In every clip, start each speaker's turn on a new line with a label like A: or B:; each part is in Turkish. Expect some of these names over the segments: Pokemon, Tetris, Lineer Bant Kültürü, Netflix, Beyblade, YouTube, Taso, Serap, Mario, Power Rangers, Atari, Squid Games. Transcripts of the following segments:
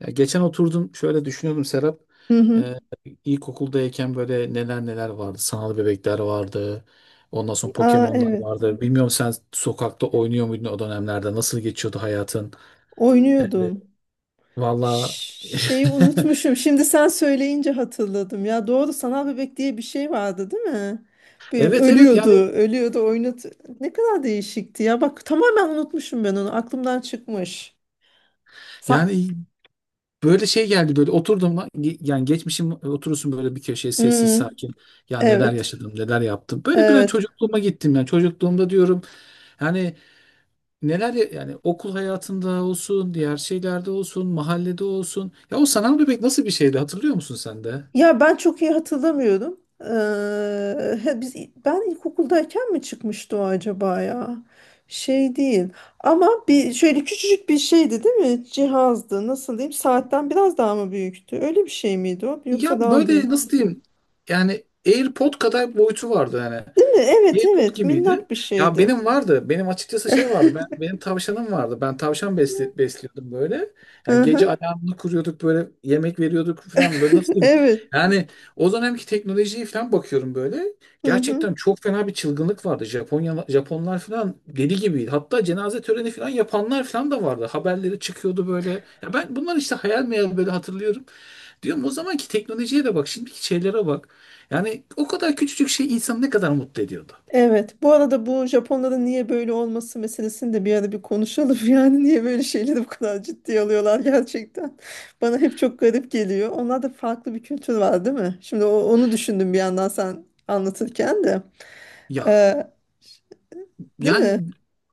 A: Ya geçen oturdum şöyle düşünüyordum Serap.
B: Hı hı.
A: Ee, ilkokuldayken böyle neler vardı. Sanal bebekler vardı. Ondan sonra
B: Aa,
A: Pokemon'lar
B: evet.
A: vardı. Bilmiyorum sen sokakta oynuyor muydun o dönemlerde? Nasıl geçiyordu hayatın? Evet,
B: Oynuyordum.
A: valla
B: Ş- Şeyi unutmuşum. Şimdi sen söyleyince hatırladım. Ya doğru, sanal bebek diye bir şey vardı, değil mi? Bir
A: evet
B: ölüyordu,
A: yani
B: ölüyordu, oynat. Ne kadar değişikti ya. Bak tamamen unutmuşum ben onu. Aklımdan çıkmış. Sa-
A: yani böyle şey geldi böyle oturdum lan, yani geçmişim oturursun böyle bir köşeye sessiz
B: Hmm,
A: sakin ya neler
B: evet.
A: yaşadım neler yaptım böyle bir an
B: Evet.
A: çocukluğuma gittim yani çocukluğumda diyorum yani neler yani okul hayatında olsun, diğer şeylerde olsun, mahallede olsun. Ya o sanal bebek nasıl bir şeydi hatırlıyor musun sen de?
B: Ya ben çok iyi hatırlamıyorum. He, ben ilkokuldayken mi çıkmıştı o acaba ya? Şey değil. Ama bir şöyle küçücük bir şeydi, değil mi? Cihazdı. Nasıl diyeyim? Saatten biraz daha mı büyüktü? Öyle bir şey miydi o?
A: Ya
B: Yoksa daha mı büyük?
A: böyle nasıl diyeyim? Yani AirPod kadar boyutu vardı yani.
B: Değil mi? Evet,
A: Airpod
B: evet.
A: gibiydi.
B: Minnak bir
A: Ya
B: şeydi.
A: benim vardı. Benim açıkçası şey vardı. Benim tavşanım vardı. Ben tavşan besli, besliyordum böyle. Yani
B: Hı
A: gece
B: hı.
A: alarmını kuruyorduk böyle yemek veriyorduk falan böyle nasıl diyeyim?
B: Evet.
A: Yani o dönemki teknolojiye falan bakıyorum böyle.
B: Hı hı.
A: Gerçekten çok fena bir çılgınlık vardı. Japonlar falan deli gibiydi. Hatta cenaze töreni falan yapanlar falan da vardı. Haberleri çıkıyordu böyle. Ya ben bunlar işte hayal meyal böyle hatırlıyorum. Diyorum o zamanki teknolojiye de bak, şimdiki şeylere bak. Yani o kadar küçücük şey insanı ne kadar mutlu ediyordu.
B: Evet. Bu arada bu Japonların niye böyle olması meselesini de bir ara bir konuşalım. Yani niye böyle şeyleri bu kadar ciddiye alıyorlar gerçekten. Bana hep çok garip geliyor. Onlarda farklı bir kültür var, değil mi? Şimdi onu düşündüm bir yandan sen anlatırken de.
A: Ya
B: Ee, değil mi?
A: yani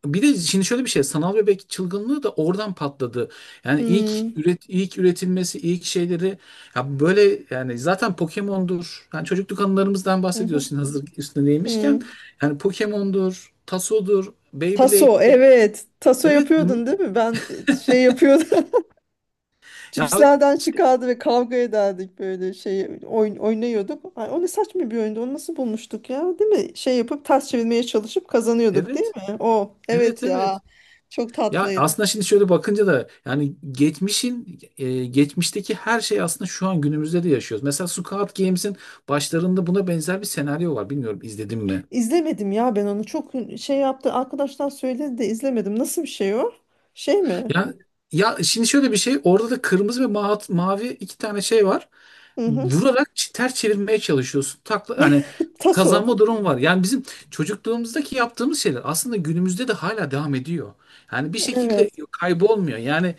A: bir de şimdi şöyle bir şey sanal bebek çılgınlığı da oradan patladı. Yani
B: Hmm,
A: ilk üretilmesi ilk şeyleri ya böyle yani zaten Pokemon'dur. Yani çocukluk anılarımızdan
B: hı hı,
A: bahsediyorsun hazır üstüne değmişken.
B: hmm.
A: Yani Pokemon'dur, Taso'dur,
B: Taso,
A: Beyblade'dir.
B: evet. Taso
A: Evet bunu
B: yapıyordun değil mi? Ben şey yapıyordum.
A: ya
B: Cipslerden
A: işte
B: çıkardı ve kavga ederdik böyle şey, oyun oynuyorduk. Ay, o ne saçma bir oyundu. Onu nasıl bulmuştuk ya? Değil mi? Şey yapıp ters çevirmeye çalışıp kazanıyorduk değil
A: evet,
B: mi? O,
A: evet
B: evet ya.
A: evet.
B: Çok
A: Ya
B: tatlıydı.
A: aslında şimdi şöyle bakınca da yani geçmişteki her şey aslında şu an günümüzde de yaşıyoruz. Mesela Squid Games'in başlarında buna benzer bir senaryo var. Bilmiyorum izledim mi?
B: İzlemedim ya ben onu. Çok şey yaptı. Arkadaşlar söyledi de izlemedim. Nasıl bir şey o? Şey mi?
A: Ya ya şimdi şöyle bir şey orada da kırmızı ve mavi iki tane şey var.
B: Hı hı.
A: Vurarak ters çevirmeye çalışıyorsun. Takla hani
B: Taso.
A: kazanma durumu var. Yani bizim çocukluğumuzdaki yaptığımız şeyler aslında günümüzde de hala devam ediyor. Yani bir
B: Evet.
A: şekilde kaybolmuyor. Yani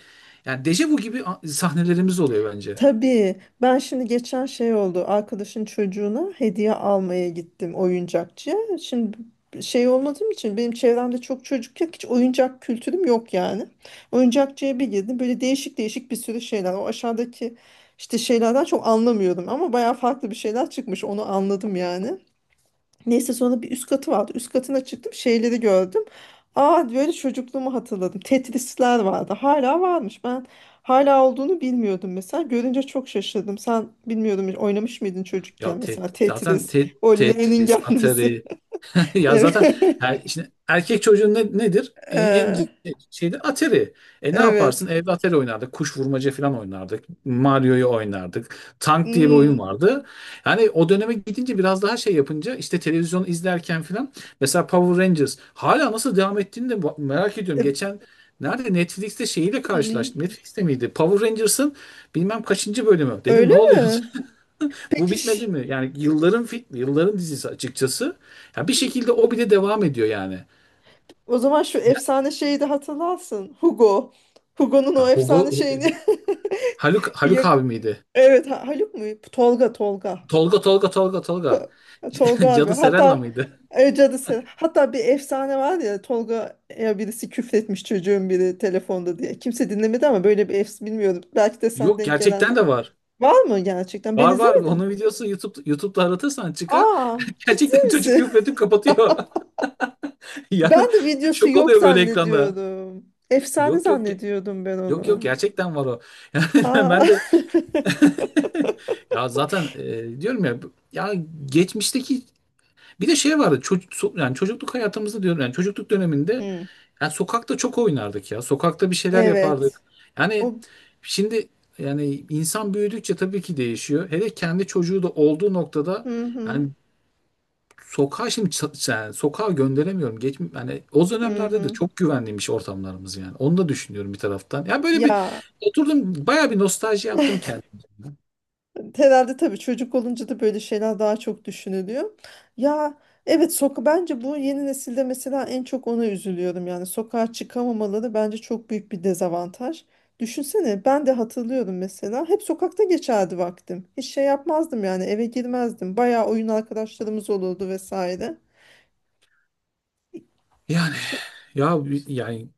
A: yani dejavu gibi sahnelerimiz oluyor bence.
B: Tabii, ben şimdi geçen şey oldu, arkadaşın çocuğuna hediye almaya gittim oyuncakçıya. Şimdi şey olmadığım için benim çevremde çok çocuk yok, hiç oyuncak kültürüm yok yani. Oyuncakçıya bir girdim, böyle değişik değişik bir sürü şeyler, o aşağıdaki işte şeylerden çok anlamıyordum ama bayağı farklı bir şeyler çıkmış onu anladım yani. Neyse, sonra bir üst katı vardı. Üst katına çıktım, şeyleri gördüm. Aa, böyle çocukluğumu hatırladım. Tetrisler vardı. Hala varmış. Ben hala olduğunu bilmiyordum mesela. Görünce çok şaşırdım. Sen bilmiyordum hiç oynamış mıydın çocukken
A: Ya
B: mesela Tetris. O L'nin
A: Tetris,
B: gelmesi.
A: Atari. Ya zaten
B: Evet.
A: yani şimdi erkek çocuğun nedir? En
B: Ee,
A: ciddi şeyde Atari. E ne yaparsın?
B: evet.
A: Evde Atari oynardık. Kuş vurmaca falan oynardık. Mario'yu oynardık. Tank diye bir oyun
B: Hmm.
A: vardı. Yani o döneme gidince biraz daha şey yapınca işte televizyon izlerken falan mesela Power Rangers hala nasıl devam ettiğini de merak ediyorum.
B: E,
A: Geçen Nerede Netflix'te şeyiyle
B: hmm.
A: karşılaştım. Netflix'te miydi? Power Rangers'ın bilmem kaçıncı bölümü. Dedim ne
B: Öyle
A: oluyor?
B: mi?
A: Bu
B: Peki.
A: bitmedi mi? Yani yılların film, yılların dizisi açıkçası. Ya bir şekilde
B: Hmm.
A: o bile devam ediyor yani.
B: O zaman şu efsane şeyi de hatırlarsın. Hugo. Hugo'nun
A: Ya
B: o
A: Hugo
B: efsane şeyini
A: Haluk Haluk
B: yak-
A: abi miydi?
B: Evet, Haluk mu? Tolga, Tolga.
A: Tolga.
B: Tolga abi.
A: Cadı Serella
B: Hatta
A: mıydı?
B: cadı. Hatta bir efsane var ya, Tolga'ya birisi küfretmiş, çocuğun biri telefonda diye. Kimse dinlemedi ama böyle bir efs, bilmiyorum. Belki de sen
A: Yok
B: denk
A: gerçekten
B: gelen,
A: de var.
B: var mı gerçekten? Ben
A: Var.
B: izlemedim.
A: Onun videosu YouTube'da aratırsan çıkar.
B: Aa, ciddi
A: Gerçekten çocuk
B: misin?
A: küfredip kapatıyor. Yani
B: Ben de videosu
A: şok
B: yok
A: oluyor böyle ekranda.
B: zannediyorum. Efsane
A: Yok yok ge-
B: zannediyordum ben
A: yok yok,
B: onu.
A: gerçekten var o. Yani
B: Aa.
A: ben de ya zaten diyorum ya ya geçmişteki bir de şey vardı çocuk yani çocukluk hayatımızda diyorum yani çocukluk döneminde
B: Hmm.
A: yani sokakta çok oynardık ya. Sokakta bir şeyler yapardık.
B: Evet.
A: Yani
B: O,
A: şimdi yani insan büyüdükçe tabii ki değişiyor. Hele kendi çocuğu da olduğu noktada
B: hı hı
A: yani sokağa şimdi yani sokağa gönderemiyorum. Geç, yani o
B: hı
A: dönemlerde de
B: hı.
A: çok güvenliymiş ortamlarımız yani. Onu da düşünüyorum bir taraftan. Ya böyle bir
B: Ya,
A: oturdum bayağı bir nostalji yaptım kendim.
B: herhalde tabii çocuk olunca da böyle şeyler daha çok düşünülüyor. Ya evet, soka, bence bu yeni nesilde mesela en çok ona üzülüyorum. Yani sokağa çıkamamaları bence çok büyük bir dezavantaj. Düşünsene, ben de hatırlıyorum mesela hep sokakta geçerdi vaktim. Hiç şey yapmazdım yani, eve girmezdim. Bayağı oyun arkadaşlarımız olurdu vesaire.
A: Yani
B: Şey,
A: ya yani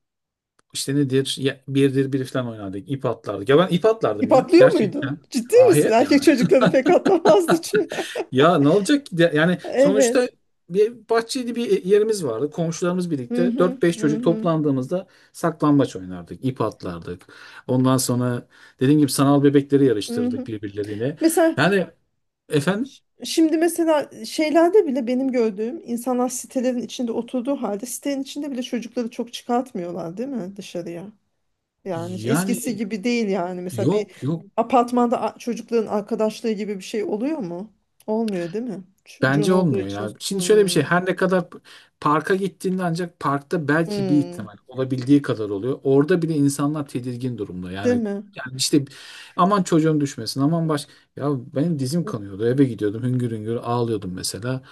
A: İşte nedir? Birdir bir falan oynardık. İp atlardık. Ya ben ip atlardım
B: ip
A: ya.
B: atlıyor
A: Gerçekten.
B: muydun? Ciddi misin?
A: Ahir
B: Erkek
A: yani.
B: çocukları pek atlamazdı çünkü.
A: Ya ne olacak ki yani sonuçta
B: Evet.
A: bir bahçeli bir yerimiz vardı. Komşularımız
B: Hı
A: birlikte
B: hı
A: dört beş
B: hı
A: çocuk
B: hı.
A: toplandığımızda saklambaç oynardık. İp atlardık. Ondan sonra dediğim gibi sanal bebekleri
B: Hı
A: yarıştırdık
B: hı.
A: birbirlerine.
B: Mesela
A: Yani efendim
B: Şimdi mesela şeylerde bile benim gördüğüm insanlar sitelerin içinde oturduğu halde sitenin içinde bile çocukları çok çıkartmıyorlar değil mi dışarıya? Yani
A: yani
B: eskisi gibi değil yani, mesela bir
A: yok.
B: apartmanda, çocukların arkadaşlığı gibi bir şey oluyor mu? Olmuyor değil mi? Çocuğun
A: Bence
B: olduğu
A: olmuyor
B: için.
A: ya. Şimdi şöyle bir şey.
B: Hmm,
A: Her ne kadar parka gittiğinde ancak parkta belki bir
B: hmm,
A: ihtimal olabildiği kadar oluyor. Orada bile insanlar tedirgin durumda.
B: değil
A: Yani
B: mi?
A: yani işte aman çocuğum düşmesin. Aman baş ya benim dizim kanıyordu. Eve gidiyordum. Hüngür hüngür ağlıyordum mesela.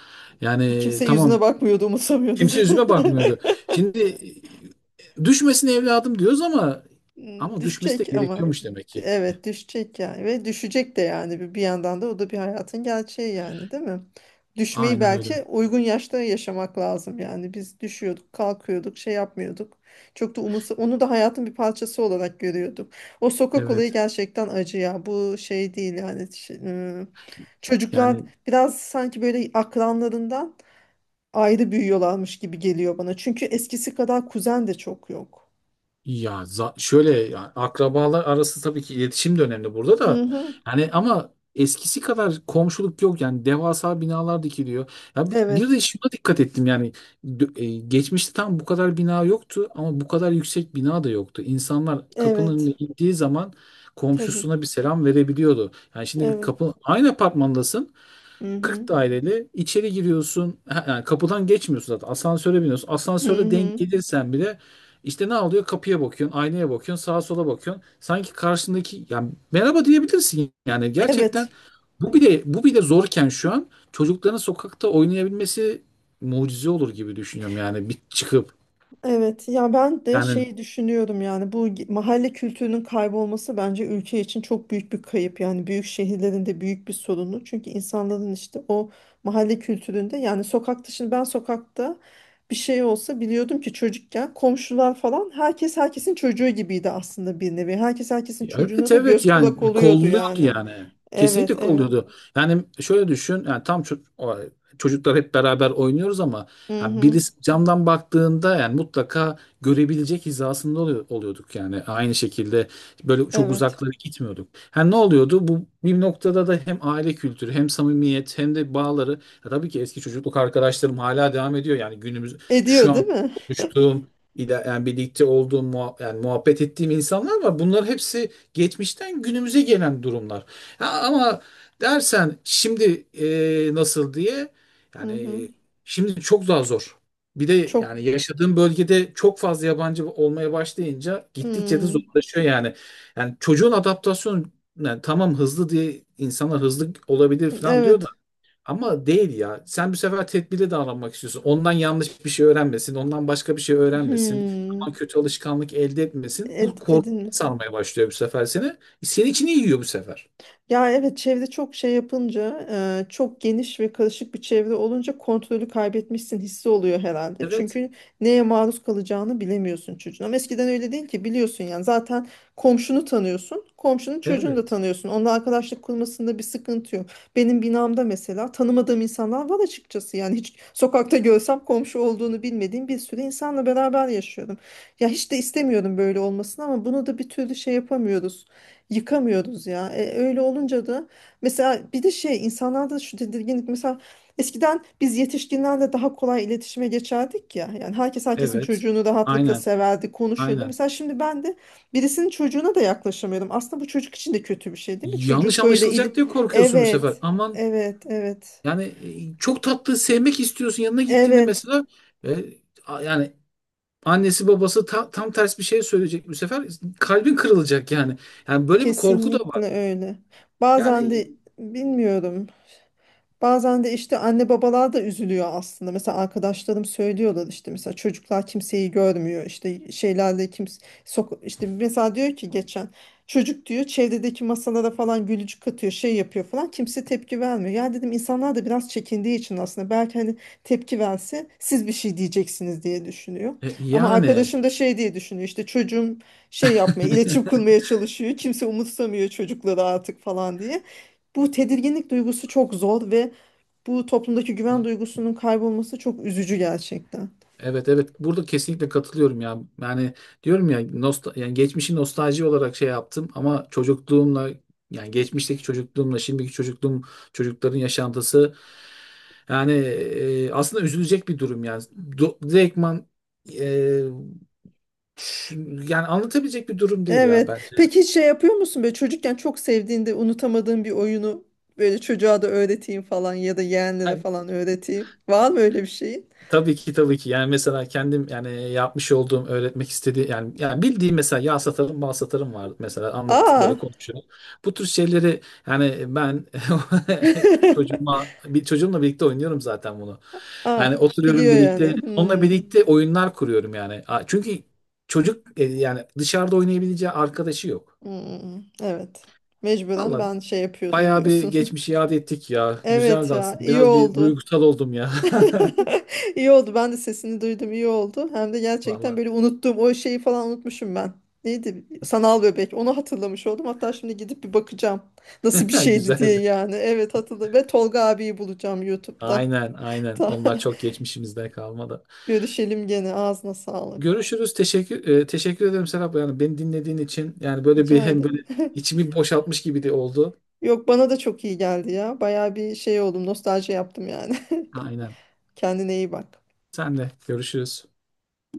A: Yani
B: Kimse yüzüne
A: tamam
B: bakmıyordu, umursamıyordu.
A: kimse yüzüme bakmıyordu. Şimdi düşmesin evladım diyoruz ama
B: Hmm,
A: ama düşmesi de
B: düşecek ama.
A: gerekiyormuş demek ki.
B: Evet, düşecek yani, ve düşecek de yani, bir bir yandan da o da bir hayatın gerçeği yani, değil mi? Düşmeyi
A: Aynen
B: belki
A: öyle.
B: uygun yaşta yaşamak lazım yani, biz düşüyorduk kalkıyorduk şey yapmıyorduk, çok da umursa, onu da hayatın bir parçası olarak görüyorduk. O sokak olayı
A: Evet.
B: gerçekten acı ya, bu şey değil yani. Çocuklar
A: Yani
B: biraz sanki böyle akranlarından ayrı büyüyorlarmış gibi geliyor bana, çünkü eskisi kadar kuzen de çok yok.
A: ya şöyle yani akrabalar arası tabii ki iletişim de önemli burada
B: Hı
A: da.
B: hı,
A: Yani ama eskisi kadar komşuluk yok yani devasa binalar dikiliyor. Ya bir, bir de
B: evet.
A: şuna dikkat ettim yani geçmişte tam bu kadar bina yoktu ama bu kadar yüksek bina da yoktu. İnsanlar kapının önüne
B: Evet,
A: indiği zaman
B: tabii.
A: komşusuna bir selam verebiliyordu. Yani şimdi
B: Evet.
A: kapı aynı apartmandasın
B: Hı
A: 40
B: hı.
A: daireli içeri giriyorsun. Ha, yani kapıdan geçmiyorsun zaten. Asansöre biniyorsun.
B: Hı
A: Asansöre denk
B: hı.
A: gelirsen bile işte ne oluyor? Kapıya bakıyorsun, aynaya bakıyorsun, sağa sola bakıyorsun. Sanki karşındaki yani merhaba diyebilirsin. Yani gerçekten
B: Evet,
A: bu bile zorken şu an çocukların sokakta oynayabilmesi mucize olur gibi düşünüyorum yani bir çıkıp
B: evet. Ya ben de
A: yani
B: şeyi düşünüyorum yani, bu mahalle kültürünün kaybolması bence ülke için çok büyük bir kayıp. Yani büyük şehirlerin de büyük bir sorunu. Çünkü insanların işte o mahalle kültüründe yani, sokakta, şimdi ben sokakta bir şey olsa biliyordum ki, çocukken komşular falan, herkes herkesin çocuğu gibiydi aslında bir nevi. Herkes herkesin
A: ya
B: çocuğuna
A: evet,
B: da göz kulak
A: yani
B: oluyordu
A: kolluyordu
B: yani.
A: yani.
B: Evet,
A: Kesinlikle
B: evet.
A: kolluyordu. Yani şöyle düşün yani tam çocuklar hep beraber oynuyoruz ama
B: Hı
A: yani
B: hı.
A: birisi camdan baktığında yani mutlaka görebilecek hizasında oluyorduk yani. Aynı şekilde böyle çok
B: Evet.
A: uzaklara gitmiyorduk. Yani ne oluyordu? Bu bir noktada da hem aile kültürü hem samimiyet hem de bağları ya tabii ki eski çocukluk arkadaşlarım hala devam ediyor yani günümüz şu
B: Ediyor
A: an
B: değil mi?
A: konuştuğum yani birlikte olduğum yani muhabbet ettiğim insanlar var. Bunlar hepsi geçmişten günümüze gelen durumlar. Ha, ama dersen şimdi nasıl diye
B: Hı hı.
A: yani şimdi çok daha zor. Bir de
B: Çok.
A: yani yaşadığım bölgede çok fazla yabancı olmaya başlayınca gittikçe de
B: Hmm.
A: zorlaşıyor yani. Yani çocuğun adaptasyonu yani tamam hızlı diye insanlar hızlı olabilir falan diyor da
B: Evet.
A: ama değil ya. Sen bu sefer tedbirli davranmak istiyorsun. Ondan yanlış bir şey öğrenmesin. Ondan başka bir şey öğrenmesin. Aman
B: Hmm.
A: kötü alışkanlık elde etmesin. Bu
B: Ed,
A: korku
B: edin mi?
A: sarmaya başlıyor bu sefer seni. Senin için iyi yiyor bu sefer.
B: Ya evet, çevre çok şey yapınca, çok geniş ve karışık bir çevre olunca kontrolü kaybetmişsin hissi oluyor herhalde.
A: Evet.
B: Çünkü neye maruz kalacağını bilemiyorsun çocuğun. Ama eskiden öyle değil ki, biliyorsun yani zaten komşunu tanıyorsun. Komşunun çocuğunu da
A: Evet.
B: tanıyorsun. Onunla arkadaşlık kurmasında bir sıkıntı yok. Benim binamda mesela tanımadığım insanlar var açıkçası. Yani hiç sokakta görsem komşu olduğunu bilmediğim bir sürü insanla beraber yaşıyorum. Ya hiç de istemiyorum böyle olmasını, ama bunu da bir türlü şey yapamıyoruz, yıkamıyoruz ya. E, öyle olunca da mesela, bir de şey, insanlarda şu tedirginlik, mesela eskiden biz yetişkinlerle daha kolay iletişime geçerdik ya. Yani herkes herkesin
A: Evet.
B: çocuğunu rahatlıkla
A: Aynen.
B: severdi, konuşuyordu.
A: Aynen.
B: Mesela şimdi ben de birisinin çocuğuna da yaklaşamıyorum. Aslında bu çocuk için de kötü bir şey, değil mi?
A: Yanlış
B: Çocuk böyle ili,
A: anlaşılacak diye korkuyorsun bu sefer.
B: evet.
A: Aman
B: Evet, evet.
A: yani çok tatlı sevmek istiyorsun. Yanına gittiğinde
B: Evet,
A: mesela e, yani annesi babası tam ters bir şey söyleyecek bu sefer. Kalbin kırılacak yani. Yani böyle bir korku da
B: kesinlikle
A: var.
B: öyle. Bazen de
A: Yani
B: bilmiyorum. Bazen de işte anne babalar da üzülüyor aslında. Mesela arkadaşlarım söylüyorlar, işte mesela çocuklar kimseyi görmüyor. İşte şeylerle kimse, sok işte mesela, diyor ki geçen çocuk diyor çevredeki masalara falan gülücük katıyor, şey yapıyor falan, kimse tepki vermiyor. Ya dedim, insanlar da biraz çekindiği için aslında, belki hani tepki verse siz bir şey diyeceksiniz diye düşünüyor. Ama
A: Yani
B: arkadaşım da şey diye düşünüyor, işte çocuğum şey yapmaya, iletişim kurmaya çalışıyor. Kimse umursamıyor çocukları artık falan diye. Bu tedirginlik duygusu çok zor ve bu toplumdaki güven duygusunun kaybolması çok üzücü gerçekten.
A: evet, burada kesinlikle katılıyorum ya. Yani diyorum ya yani geçmişi nostalji olarak şey yaptım ama çocukluğumla yani geçmişteki çocukluğumla şimdiki çocukluğum çocukların yaşantısı yani aslında üzülecek bir durum yani. Direktman e, ş- yani anlatabilecek bir durum değil ya
B: Evet.
A: bence.
B: Peki hiç şey yapıyor musun, böyle çocukken çok sevdiğinde unutamadığın bir oyunu böyle çocuğa da öğreteyim falan ya da yeğenlere
A: Ha,
B: falan öğreteyim. Var mı öyle bir şeyin?
A: tabii ki. Yani mesela kendim yani yapmış olduğum öğretmek istediği yani yani bildiğim mesela yağ satarım, bal satarım var mesela anlat
B: Aa.
A: böyle konuşuyorum. Bu tür şeyleri yani ben çocuğuma çocuğumla birlikte oynuyorum zaten bunu.
B: Aa,
A: Yani oturuyorum
B: biliyor yani.
A: birlikte onunla
B: Hmm.
A: birlikte oyunlar kuruyorum yani. Çünkü çocuk yani dışarıda oynayabileceği arkadaşı yok.
B: Hmm. Evet. Mecburen
A: Valla
B: ben şey yapıyordum
A: bayağı bir
B: diyorsun.
A: geçmişi yad ettik ya.
B: Evet
A: Güzeldi
B: ya,
A: aslında.
B: iyi
A: Biraz bir
B: oldu.
A: duygusal oldum ya.
B: İyi oldu. Ben de sesini duydum. İyi oldu. Hem de gerçekten
A: Valla
B: böyle unuttuğum o şeyi falan, unutmuşum ben. Neydi? Sanal bebek. Onu hatırlamış oldum. Hatta şimdi gidip bir bakacağım. Nasıl bir şeydi diye
A: güzeldi.
B: yani. Evet, hatırladım. Ve Tolga abiyi bulacağım YouTube'da.
A: Aynen, aynen.
B: Ta-
A: Onlar çok geçmişimizde kalmadı.
B: Görüşelim gene. Ağzına sağlık.
A: Görüşürüz. Teşekkür ederim Serap. Yani beni dinlediğin için yani böyle bir
B: Rica
A: hem böyle
B: ederim.
A: içimi boşaltmış gibi de oldu.
B: Yok, bana da çok iyi geldi ya. Baya bir şey oldum. Nostalji yaptım yani.
A: Aynen.
B: Kendine iyi bak.
A: Senle görüşürüz.